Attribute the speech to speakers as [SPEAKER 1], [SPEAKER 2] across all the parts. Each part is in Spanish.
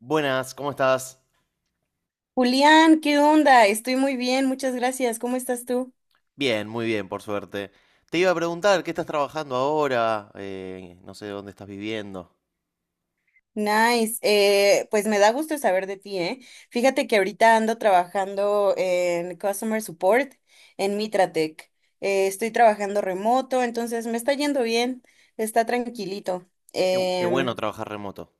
[SPEAKER 1] Buenas, ¿cómo estás?
[SPEAKER 2] Julián, ¿qué onda? Estoy muy bien, muchas gracias. ¿Cómo estás tú?
[SPEAKER 1] Bien, muy bien, por suerte. Te iba a preguntar, ¿qué estás trabajando ahora? No sé dónde estás viviendo.
[SPEAKER 2] Nice. Pues me da gusto saber de ti, ¿eh? Fíjate que ahorita ando trabajando en Customer Support en Mitratec. Estoy trabajando remoto, entonces me está yendo bien, está tranquilito.
[SPEAKER 1] Qué bueno trabajar remoto.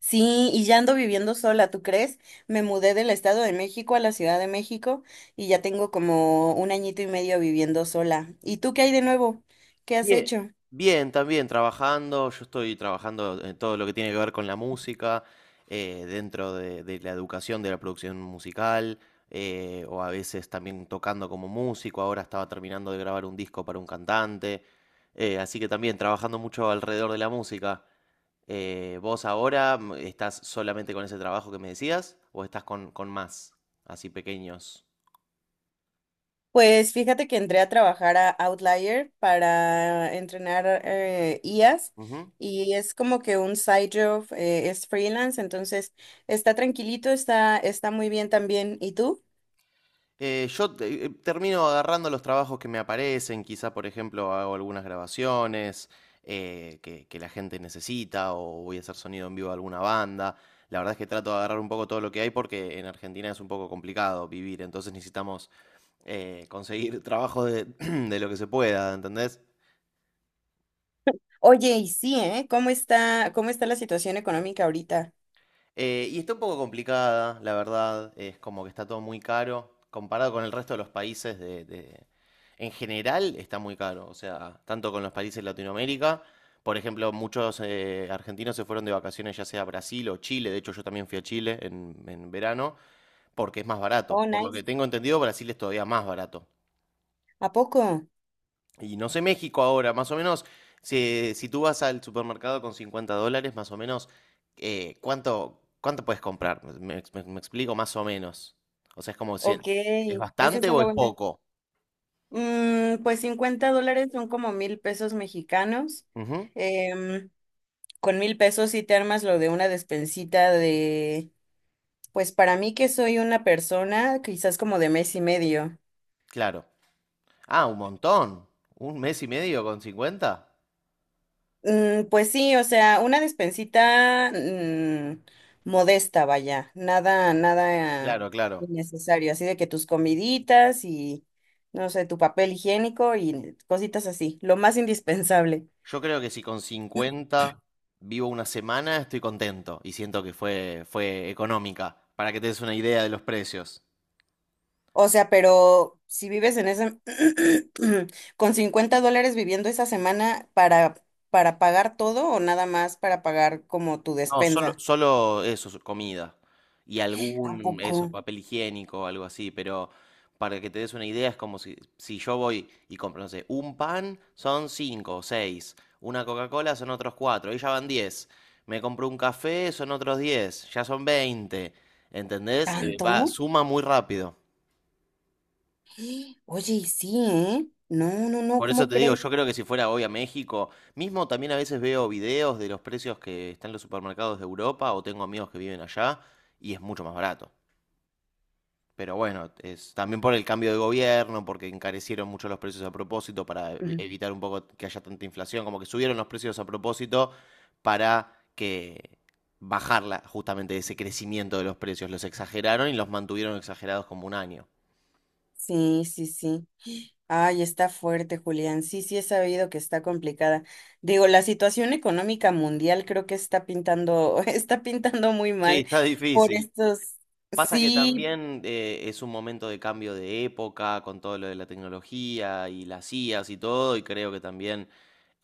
[SPEAKER 2] Sí, y ya ando viviendo sola, ¿tú crees? Me mudé del Estado de México a la Ciudad de México y ya tengo como un añito y medio viviendo sola. ¿Y tú qué hay de nuevo? ¿Qué has
[SPEAKER 1] Bien.
[SPEAKER 2] hecho?
[SPEAKER 1] Bien, también trabajando. Yo estoy trabajando en todo lo que tiene que ver con la música, dentro de la educación, de la producción musical, o a veces también tocando como músico. Ahora estaba terminando de grabar un disco para un cantante. Así que también trabajando mucho alrededor de la música. ¿Vos ahora estás solamente con ese trabajo que me decías o estás con más, así pequeños?
[SPEAKER 2] Pues fíjate que entré a trabajar a Outlier para entrenar IAs,
[SPEAKER 1] Ujú.
[SPEAKER 2] y es como que un side job, es freelance, entonces está tranquilito, está muy bien también. ¿Y tú?
[SPEAKER 1] Termino agarrando los trabajos que me aparecen, quizá por ejemplo hago algunas grabaciones que la gente necesita o voy a hacer sonido en vivo a alguna banda. La verdad es que trato de agarrar un poco todo lo que hay porque en Argentina es un poco complicado vivir, entonces necesitamos conseguir trabajo de, de lo que se pueda, ¿entendés?
[SPEAKER 2] Oye, y sí, ¿eh? ¿Cómo está la situación económica ahorita?
[SPEAKER 1] Y está un poco complicada, la verdad. Es como que está todo muy caro. Comparado con el resto de los países En general está muy caro. O sea, tanto con los países de Latinoamérica. Por ejemplo, muchos argentinos se fueron de vacaciones ya sea a Brasil o Chile. De hecho, yo también fui a Chile en verano porque es más barato.
[SPEAKER 2] Oh,
[SPEAKER 1] Por lo que
[SPEAKER 2] nice.
[SPEAKER 1] tengo entendido, Brasil es todavía más barato.
[SPEAKER 2] ¿A poco?
[SPEAKER 1] Y no sé México ahora, más o menos, si tú vas al supermercado con 50 dólares, más o menos, ¿cuánto puedes comprar? Me explico más o menos. O sea, es como si,
[SPEAKER 2] Ok,
[SPEAKER 1] ¿es
[SPEAKER 2] esa es
[SPEAKER 1] bastante o
[SPEAKER 2] una
[SPEAKER 1] es
[SPEAKER 2] buena.
[SPEAKER 1] poco?
[SPEAKER 2] Mm, pues $50 son como 1,000 pesos mexicanos.
[SPEAKER 1] Ujú,
[SPEAKER 2] Em, con 1,000 pesos sí te armas lo de una despensita de. Pues para mí que soy una persona quizás como de mes y medio.
[SPEAKER 1] claro. Ah, un montón. ¿Un mes y medio con 50?
[SPEAKER 2] Mm, pues sí, o sea, una despensita modesta, vaya, nada, nada
[SPEAKER 1] Claro, claro.
[SPEAKER 2] innecesario, así de que tus comiditas y, no sé, tu papel higiénico y cositas así, lo más indispensable.
[SPEAKER 1] Yo creo que si con 50 vivo una semana, estoy contento y siento que fue económica, para que te des una idea de los precios.
[SPEAKER 2] O sea, pero si vives en ese, con $50 viviendo esa semana para, pagar todo o nada más para pagar como tu
[SPEAKER 1] No,
[SPEAKER 2] despensa.
[SPEAKER 1] solo eso, comida. Y
[SPEAKER 2] ¿A
[SPEAKER 1] algún, eso,
[SPEAKER 2] poco?
[SPEAKER 1] papel higiénico, algo así. Pero para que te des una idea, es como si yo voy y compro, no sé, un pan son cinco o seis. Una Coca-Cola son otros cuatro. Ahí ya van 10. Me compro un café, son otros 10. Ya son 20. ¿Entendés?
[SPEAKER 2] ¿Tanto?
[SPEAKER 1] Va, suma muy rápido.
[SPEAKER 2] Oye, y sí, ¿eh? No, no, no,
[SPEAKER 1] Por eso
[SPEAKER 2] ¿cómo
[SPEAKER 1] te digo,
[SPEAKER 2] crees?
[SPEAKER 1] yo creo que si fuera hoy a México, mismo también a veces veo videos de los precios que están en los supermercados de Europa o tengo amigos que viven allá y es mucho más barato. Pero bueno, es también por el cambio de gobierno, porque encarecieron mucho los precios a propósito para
[SPEAKER 2] Ujú.
[SPEAKER 1] evitar un poco que haya tanta inflación, como que subieron los precios a propósito para que bajarla justamente ese crecimiento de los precios. Los exageraron y los mantuvieron exagerados como un año.
[SPEAKER 2] Sí, sí, sí. Ay, está fuerte, Julián. Sí, sí, he sabido que está complicada. Digo, la situación económica mundial creo que está pintando, está pintando muy
[SPEAKER 1] Sí,
[SPEAKER 2] mal
[SPEAKER 1] está
[SPEAKER 2] por
[SPEAKER 1] difícil.
[SPEAKER 2] estos,
[SPEAKER 1] Pasa que
[SPEAKER 2] sí.
[SPEAKER 1] también es un momento de cambio de época con todo lo de la tecnología y las IAs y todo, y creo que también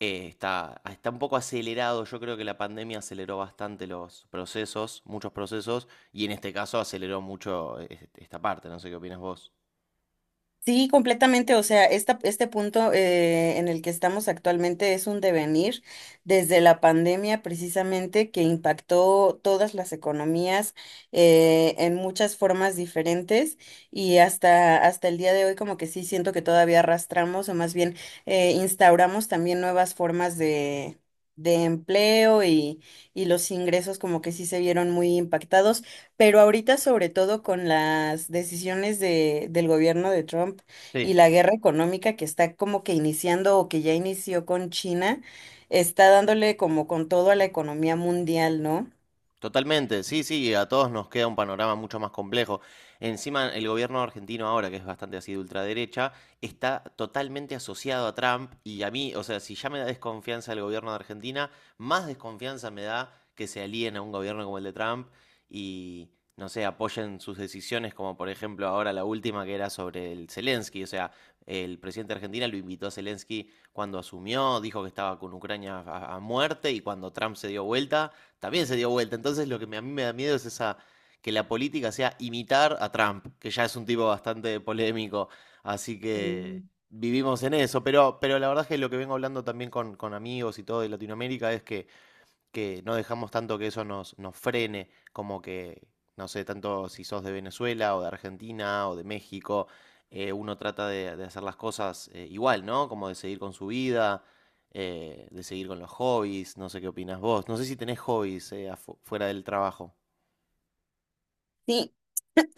[SPEAKER 1] Está un poco acelerado. Yo creo que la pandemia aceleró bastante los procesos, muchos procesos, y en este caso aceleró mucho esta parte. No sé qué opinas vos.
[SPEAKER 2] Sí, completamente. O sea, este punto en el que estamos actualmente es un devenir desde la pandemia precisamente que impactó todas las economías en muchas formas diferentes, y hasta el día de hoy como que sí siento que todavía arrastramos, o más bien instauramos también nuevas formas de empleo, y los ingresos como que sí se vieron muy impactados. Pero ahorita, sobre todo con las decisiones del gobierno de Trump y
[SPEAKER 1] Sí.
[SPEAKER 2] la guerra económica que está como que iniciando o que ya inició con China, está dándole como con todo a la economía mundial, ¿no?
[SPEAKER 1] Totalmente, sí, sí, a todos nos queda un panorama mucho más complejo. Encima, el gobierno argentino ahora, que es bastante así de ultraderecha, está totalmente asociado a Trump y a mí, o sea, si ya me da desconfianza el gobierno de Argentina, más desconfianza me da que se alíen a un gobierno como el de Trump y, no sé, apoyen sus decisiones, como por ejemplo ahora la última que era sobre el Zelensky, o sea, el presidente de Argentina lo invitó a Zelensky cuando asumió, dijo que estaba con Ucrania a muerte y cuando Trump se dio vuelta también se dio vuelta. Entonces lo a mí me da miedo es esa que la política sea imitar a Trump, que ya es un tipo bastante polémico. Así que
[SPEAKER 2] Sí.
[SPEAKER 1] vivimos en eso. Pero la verdad es que lo que vengo hablando también con amigos y todo de Latinoamérica es que no dejamos tanto que eso nos frene, como que, no sé, tanto si sos de Venezuela o de Argentina o de México, uno trata de hacer las cosas igual, ¿no? Como de seguir con su vida, de seguir con los hobbies, no sé qué opinas vos, no sé si tenés hobbies fuera del trabajo.
[SPEAKER 2] Sí,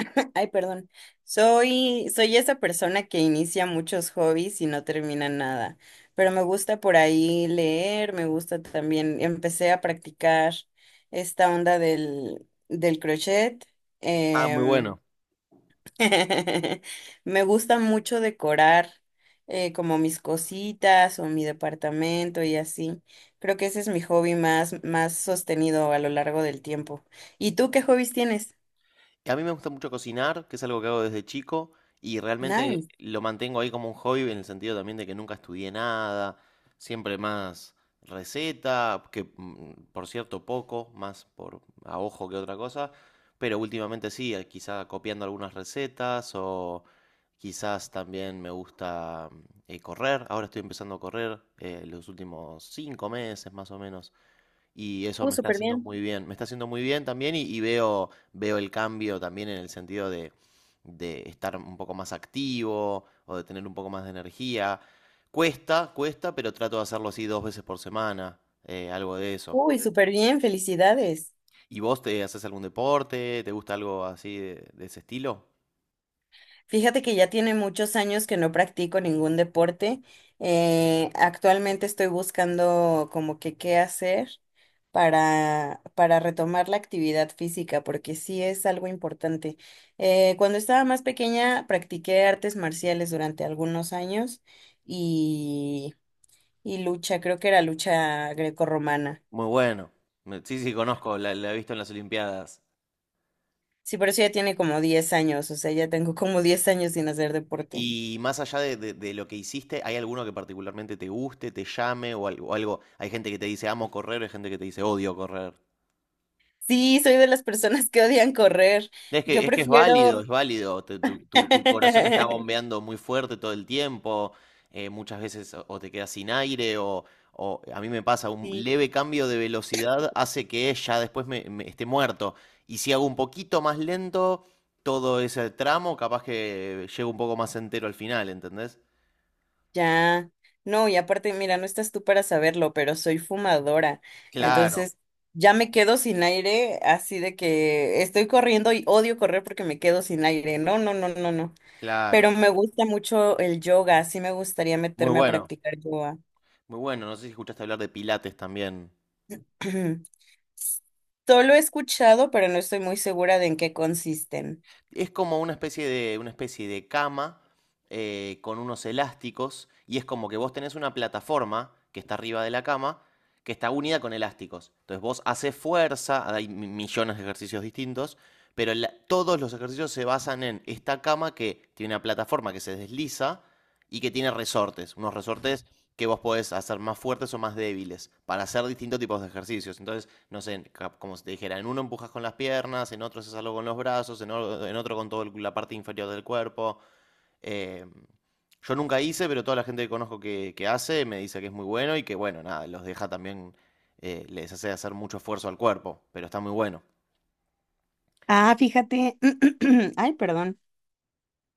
[SPEAKER 2] ay, perdón. Soy esa persona que inicia muchos hobbies y no termina nada, pero me gusta por ahí leer, me gusta también, empecé a practicar esta onda del crochet.
[SPEAKER 1] Ah, muy
[SPEAKER 2] em,
[SPEAKER 1] bueno.
[SPEAKER 2] Me gusta mucho decorar como mis cositas o mi departamento y así. Creo que ese es mi hobby más sostenido a lo largo del tiempo. ¿Y tú qué hobbies tienes?
[SPEAKER 1] A mí me gusta mucho cocinar, que es algo que hago desde chico, y realmente
[SPEAKER 2] Nice.
[SPEAKER 1] lo mantengo ahí como un hobby en el sentido también de que nunca estudié nada, siempre más receta, que por cierto poco, más por a ojo que otra cosa, pero últimamente sí, quizá copiando algunas recetas o quizás también me gusta correr, ahora estoy empezando a correr los últimos 5 meses más o menos. Y eso me está
[SPEAKER 2] Súper
[SPEAKER 1] haciendo
[SPEAKER 2] bien.
[SPEAKER 1] muy bien, me está haciendo muy bien también y veo el cambio también en el sentido de estar un poco más activo o de tener un poco más de energía. Cuesta, cuesta, pero trato de hacerlo así dos veces por semana, algo de eso.
[SPEAKER 2] Uy, súper bien, felicidades.
[SPEAKER 1] ¿Y vos te haces algún deporte? ¿Te gusta algo así de ese estilo?
[SPEAKER 2] Fíjate que ya tiene muchos años que no practico ningún deporte. Actualmente estoy buscando como que qué hacer para, retomar la actividad física, porque sí es algo importante. Cuando estaba más pequeña practiqué artes marciales durante algunos años y, y lucha, creo que era lucha grecorromana.
[SPEAKER 1] Muy bueno. Sí, sí, conozco, la he visto en las Olimpiadas.
[SPEAKER 2] Sí, pero eso ya tiene como 10 años, o sea, ya tengo como 10 años sin hacer deporte.
[SPEAKER 1] Y más allá de lo que hiciste, ¿hay alguno que particularmente te guste, te llame o algo? Hay gente que te dice amo correr, hay gente que te dice odio correr.
[SPEAKER 2] Sí, soy de las personas que odian correr.
[SPEAKER 1] Es que,
[SPEAKER 2] Yo
[SPEAKER 1] es que es válido, es
[SPEAKER 2] prefiero...
[SPEAKER 1] válido. Tu corazón está bombeando muy fuerte todo el tiempo. Muchas veces o te quedas sin aire o a mí me pasa, un
[SPEAKER 2] Sí,
[SPEAKER 1] leve cambio de velocidad hace que ya después me esté muerto. Y si hago un poquito más lento todo ese tramo, capaz que llego un poco más entero al final, ¿entendés?
[SPEAKER 2] ya. No, y aparte, mira, no estás tú para saberlo, pero soy fumadora.
[SPEAKER 1] Claro,
[SPEAKER 2] Entonces, ya me quedo sin aire, así de que estoy corriendo y odio correr porque me quedo sin aire. No, no, no, no, no. Pero
[SPEAKER 1] claro.
[SPEAKER 2] me gusta mucho el yoga, sí me gustaría
[SPEAKER 1] Muy
[SPEAKER 2] meterme a
[SPEAKER 1] bueno,
[SPEAKER 2] practicar yoga.
[SPEAKER 1] muy bueno. No sé si escuchaste hablar de Pilates también.
[SPEAKER 2] Solo he escuchado, pero no estoy muy segura de en qué consisten.
[SPEAKER 1] Es como una especie de cama con unos elásticos y es como que vos tenés una plataforma que está arriba de la cama que está unida con elásticos. Entonces vos haces fuerza, hay millones de ejercicios distintos, pero todos los ejercicios se basan en esta cama que tiene una plataforma que se desliza y que tiene resortes, unos resortes que vos podés hacer más fuertes o más débiles para hacer distintos tipos de ejercicios. Entonces no sé, como si te dijera, en uno empujas con las piernas, en otro haces algo con los brazos, en otro con toda la parte inferior del cuerpo. eh, yo nunca hice, pero toda la gente que conozco que hace me dice que es muy bueno y que, bueno, nada, los deja también, les hace hacer mucho esfuerzo al cuerpo, pero está muy bueno.
[SPEAKER 2] Ah, fíjate. Ay, perdón.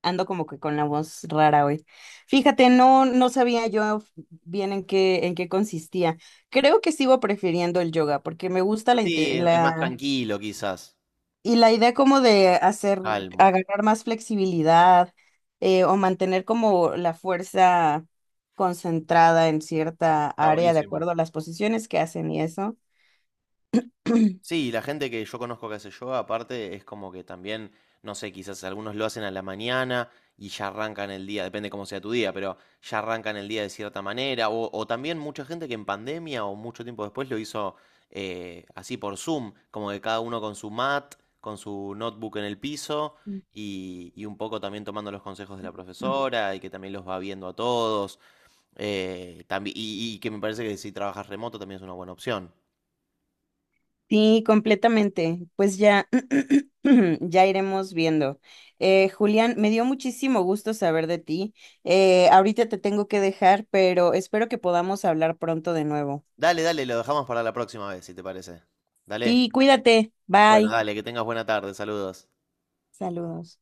[SPEAKER 2] Ando como que con la voz rara hoy. Fíjate, no, no sabía yo bien en qué consistía. Creo que sigo prefiriendo el yoga porque me gusta la,
[SPEAKER 1] Sí,
[SPEAKER 2] inte-
[SPEAKER 1] es más
[SPEAKER 2] la
[SPEAKER 1] tranquilo quizás,
[SPEAKER 2] y la idea como de hacer,
[SPEAKER 1] calmo.
[SPEAKER 2] agarrar más flexibilidad, o mantener como la fuerza concentrada en cierta
[SPEAKER 1] Está
[SPEAKER 2] área de
[SPEAKER 1] buenísimo.
[SPEAKER 2] acuerdo a las posiciones que hacen y eso.
[SPEAKER 1] Sí, la gente que yo conozco que hace yoga, aparte, es como que también, no sé, quizás algunos lo hacen a la mañana y ya arrancan el día, depende cómo sea tu día, pero ya arrancan el día de cierta manera. O también mucha gente que en pandemia o mucho tiempo después lo hizo así por Zoom, como que cada uno con su mat, con su notebook en el piso y un poco también tomando los consejos de la profesora y que también los va viendo a todos. Y que me parece que si trabajas remoto también es una buena opción.
[SPEAKER 2] Sí, completamente. Pues ya, ya iremos viendo. Julián, me dio muchísimo gusto saber de ti. Ahorita te tengo que dejar, pero espero que podamos hablar pronto de nuevo.
[SPEAKER 1] Dale, dale, lo dejamos para la próxima vez, si te parece. Dale.
[SPEAKER 2] Sí, cuídate.
[SPEAKER 1] Bueno,
[SPEAKER 2] Bye.
[SPEAKER 1] dale, que tengas buena tarde, saludos.
[SPEAKER 2] Saludos.